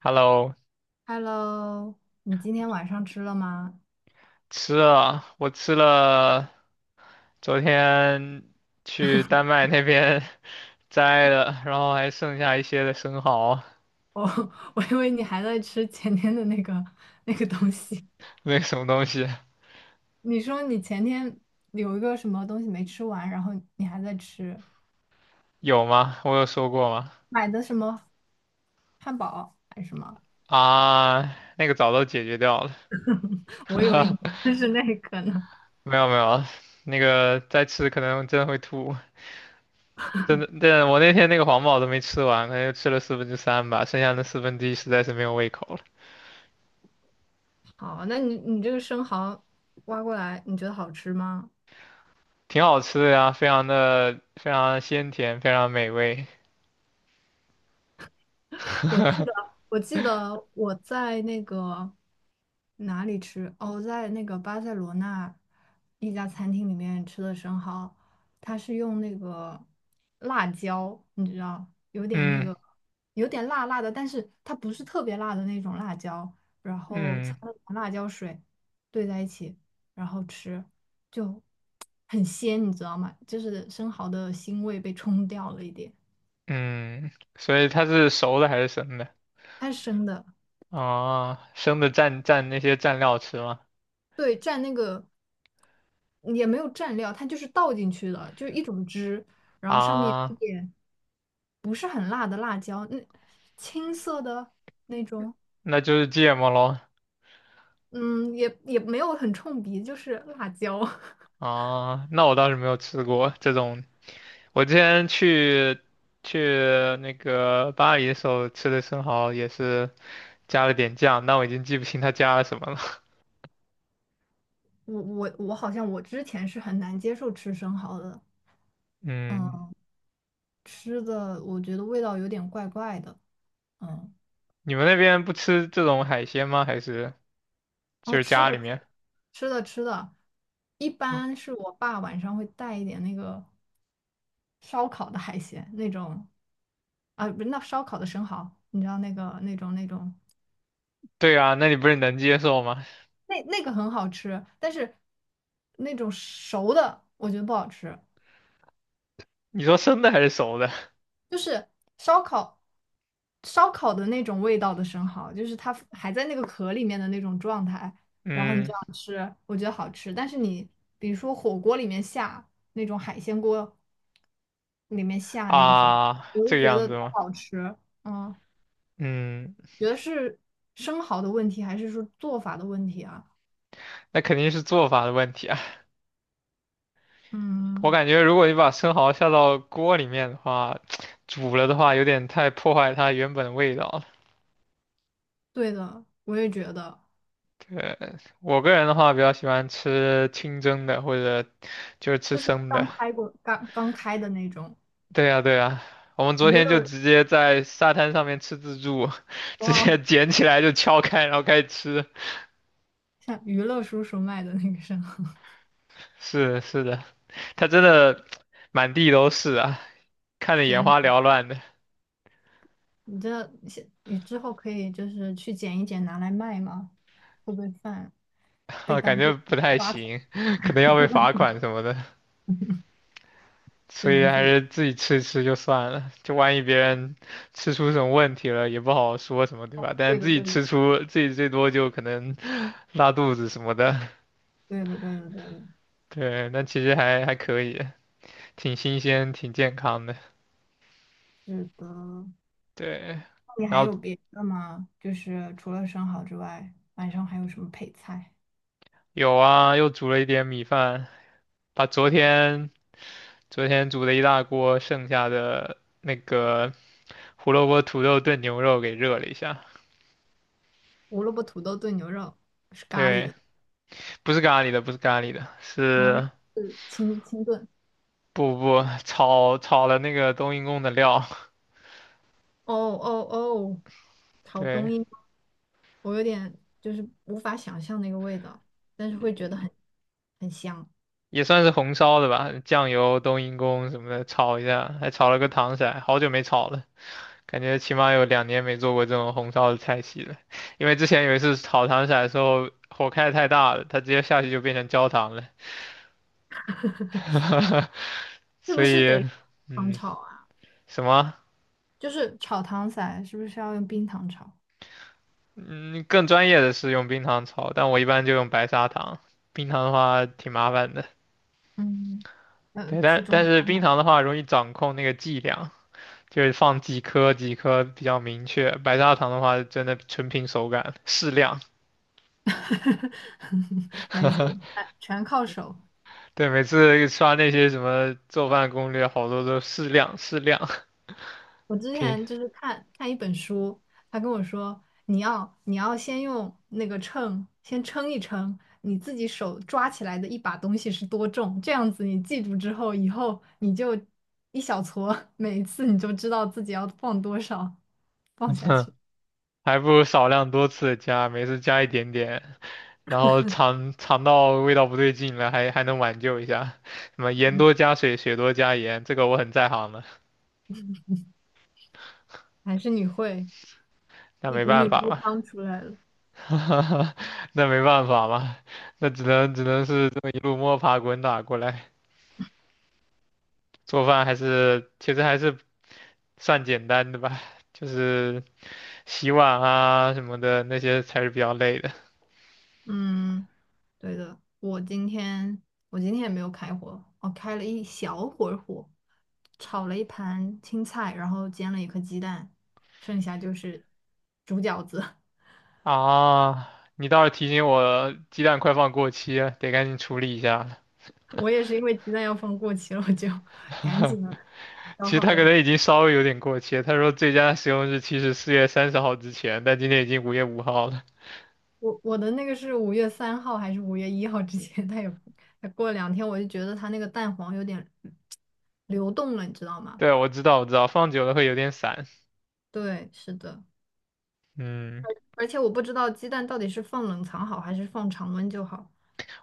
Hello，Hello,你今天晚上吃了吗？吃了，我吃了，昨天去丹麦那边 摘的，然后还剩下一些的生蚝，我 我以为你还在吃前天的那个东西。那个什么东西？你说你前天有一个什么东西没吃完，然后你还在吃，有吗？我有说过吗？买的什么汉堡还是什么？啊，那个早都解决掉了，我以为你吃是那个呢。没有没有，那个再吃可能真的会吐，真的，对，我那天那个黄堡都没吃完，那就吃了四分之三吧，剩下那四分之一实在是没有胃口了，好，那你这个生蚝挖过来，你觉得好吃吗？挺好吃的呀，非常鲜甜，非常美味，我记得，我记得我在那个哪里吃？哦，在那个巴塞罗那一家餐厅里面吃的生蚝，它是用那个辣椒，你知道，有点那嗯个，有点辣辣的，但是它不是特别辣的那种辣椒，然后擦嗯。了点辣椒水兑在一起，然后吃，就很鲜，你知道吗？就是生蚝的腥味被冲掉了一点，嗯，所以它是熟的还是生的？它是生的。啊，生的蘸蘸那些蘸料吃吗？对，蘸那个也没有蘸料，它就是倒进去的，就是一种汁，然后上面啊，一点不是很辣的辣椒，那青色的，那就是芥末喽。嗯，也没有很冲鼻，就是辣椒。啊，那我倒是没有吃过这种。我之前去那个巴黎的时候吃的生蚝也是加了点酱，但我已经记不清它加了什么了。我好像我之前是很难接受吃生蚝的，嗯，嗯，吃的我觉得味道有点怪怪的，嗯，你们那边不吃这种海鲜吗？还是就哦，是吃家的里面？吃的吃的，一般是我爸晚上会带一点那个。烧烤的海鲜那种，啊，不是那烧烤的生蚝，你知道那个那种那种对啊，那你不是能接受吗？那那个很好吃，但是那种熟的我觉得不好吃，你说生的还是熟的？就是烧烤烧烤的那种味道的生蚝，就是它还在那个壳里面的那种状态，然后你嗯。这样吃，我觉得好吃，但是你比如说火锅里面下那种海鲜锅里面下那个生蚝，啊，我这就个觉样得子不吗？好吃，嗯。嗯，觉得是生蚝的问题，还是说做法的问题啊？那肯定是做法的问题啊。我嗯，感觉如果你把生蚝下到锅里面的话，煮了的话有点太破坏它原本的味道了。对的，我也觉得，对，我个人的话比较喜欢吃清蒸的，或者就是吃就是生刚的。开过、刚刚开的那种对呀，对呀，我们昨娱天就乐，直接在沙滩上面吃自助，直接哇，捡起来就敲开，然后开始吃。像娱乐叔叔卖的那个生蚝，是的是的，它真的满地都是啊，看得眼天花缭呐，乱的。你这你之后可以就是去捡一捡拿来卖吗？会不会犯被啊，感当觉地不太抓走？行，可能要被罚款什么的，只所以能自还己。是自己吃一吃就算了。就万一别人吃出什么问题了，也不好说什么，对吧？但对是自的，己对的，吃出，自己最多就可能 拉肚子什么的。对的，对的，对的，对，那其实还可以，挺新鲜，挺健康的。是的。那对，你然还后有别的吗？就是除了生蚝之外，晚上还有什么配菜？有啊，又煮了一点米饭，把昨天煮的一大锅剩下的那个胡萝卜土豆炖牛肉给热了一下。胡萝卜土豆炖牛肉是咖喱对。的，不是咖喱的，不是咖喱的，是是清炖不炒了那个冬阴功的料，哦，炒阴对，阴功？我有点就是无法想象那个味道，但是会觉得很香。也算是红烧的吧，酱油、冬阴功什么的炒一下，还炒了个糖色，好久没炒了，感觉起码有2年没做过这种红烧的菜系了，因为之前有一次炒糖色的时候火开得太大了，它直接下去就变成焦糖了，是不所是以得糖嗯，炒啊？什么就是炒糖色，是不是要用冰糖炒？嗯更专业的是用冰糖炒，但我一般就用白砂糖，冰糖的话挺麻烦的。嗯，对，但去中但超是冰买，糖的话容易掌控那个剂量，就是放几颗几颗比较明确。白砂糖的话，真的纯凭手感，适量。没事，哎全靠手。对，每次刷那些什么做饭攻略，好多都适量适量，我之挺，前就是看一本书，他跟我说，你要先用那个秤先称一称，你自己手抓起来的一把东西是多重，这样子你记住之后，以后你就一小撮，每一次你就知道自己要放多少，放下 去。还不如少量多次的加，每次加一点点，然后尝到味道不对劲了，还能挽救一下。什么盐多加水，水多加盐，这个我很在行的，还是你会那一没股办女法高嘛。汤出来了。那没办法嘛，那只能是这么一路摸爬滚打过来。做饭还是其实还是算简单的吧，就是洗碗啊什么的那些才是比较累的嗯，对的，我今天也没有开火，我开了一小会儿火，炒了一盘青菜，然后煎了一颗鸡蛋，剩下就是煮饺子。啊。你倒是提醒我，鸡蛋快放过期了，得赶紧处理一下了。我也是因为鸡蛋要放过期了，我就 赶紧的其消实耗它可掉。能已经稍微有点过期了，他说最佳使用日期是4月30号之前，但今天已经5月5号了。我的那个是五月三号还是五月一号之前，它过了两天，我就觉得它那个蛋黄有点 流动了，你知道吗？对，我知道，我知道，放久了会有点散。对，是的。嗯，而且我不知道鸡蛋到底是放冷藏好还是放常温就好。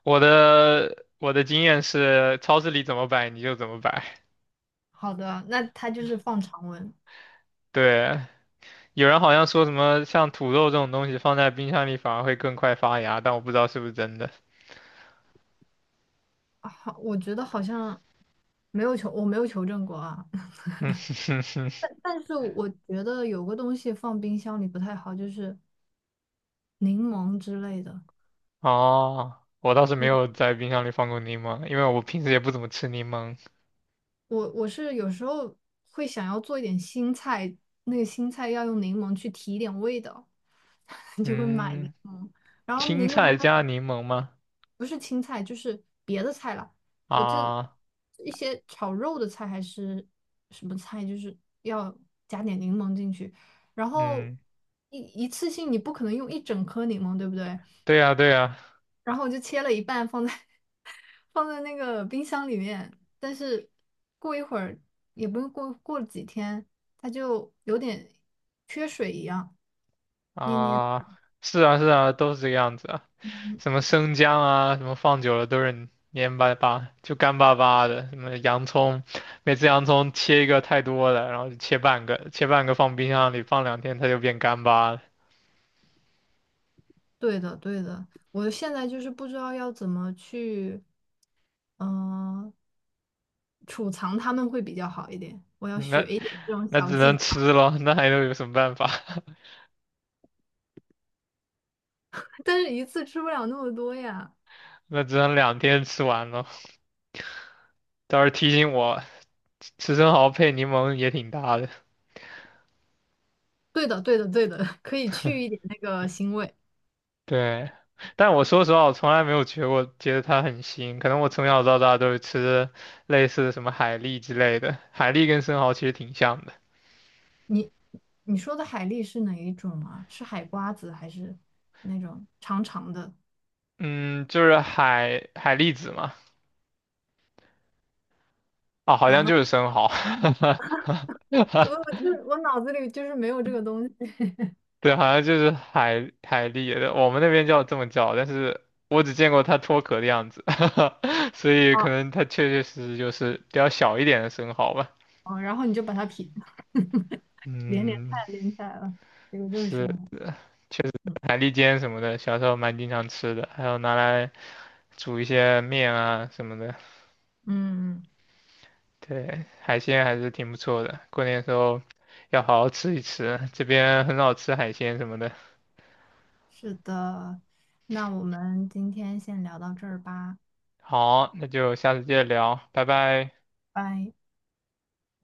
我的经验是，超市里怎么摆你就怎么摆。好的，那它就是放常温。对，有人好像说什么像土豆这种东西放在冰箱里反而会更快发芽，但我不知道是不是真的。啊好，我觉得好像没有求，我没有求证过啊。嗯哼哼，但是我觉得有个东西放冰箱里不太好，就是柠檬之类的。哦，我倒是没对，有在冰箱里放过柠檬，因为我平时也不怎么吃柠檬。我是有时候会想要做一点新菜，那个新菜要用柠檬去提一点味道，就会买柠嗯，檬。然后青柠檬菜呢？加柠檬吗？不是青菜就是别的菜了。我就啊，一些炒肉的菜还是什么菜，就是要加点柠檬进去。然后嗯，一次性你不可能用一整颗柠檬，对不对？对呀对呀，然后我就切了一半放在 放在那个冰箱里面，但是过一会儿也不用过几天它就有点缺水一样，黏黏。啊，是啊是啊，都是这个样子啊，什么生姜啊，什么放久了都是黏巴巴，就干巴巴的。什么洋葱，每次洋葱切一个太多了，然后就切半个，切半个放冰箱里放两天，它就变干巴了。对的，对的，我现在就是不知道要怎么去，嗯、储藏它们会比较好一点。我要那学一点这种那小只技能巧，吃了，那还能有什么办法？但是一次吃不了那么多呀。那只能2天吃完咯。倒是提醒我，吃生蚝配柠檬也挺搭的。对的，对的，对的，可以去一点那个腥味。对，但我说实话，我从来没有觉得我觉得它很腥，可能我从小到大都是吃类似什么海蛎之类的，海蛎跟生蚝其实挺像的，你你说的海蛎是哪一种啊？是海瓜子还是那种长长的？嗯，就是海蛎子嘛，啊，好完像了，就是生蚝，我就是我脑子里就是没有这个东西。对，好像就是海蛎的我们那边叫这么叫，但是我只见过它脱壳的样子，所以可啊能它确确实实就是比较小一点的生蚝吧，哦，然后你就把它撇，连连看嗯，连起来了，这个就是生是。蚝。确实嗯海蛎煎什么的，小时候蛮经常吃的，还有拿来煮一些面啊什么的。嗯对，海鲜还是挺不错的，过年的时候要好好吃一吃，这边很少吃海鲜什么的。是的，那我们今天先聊到这儿吧，好，那就下次接着聊，拜拜。拜。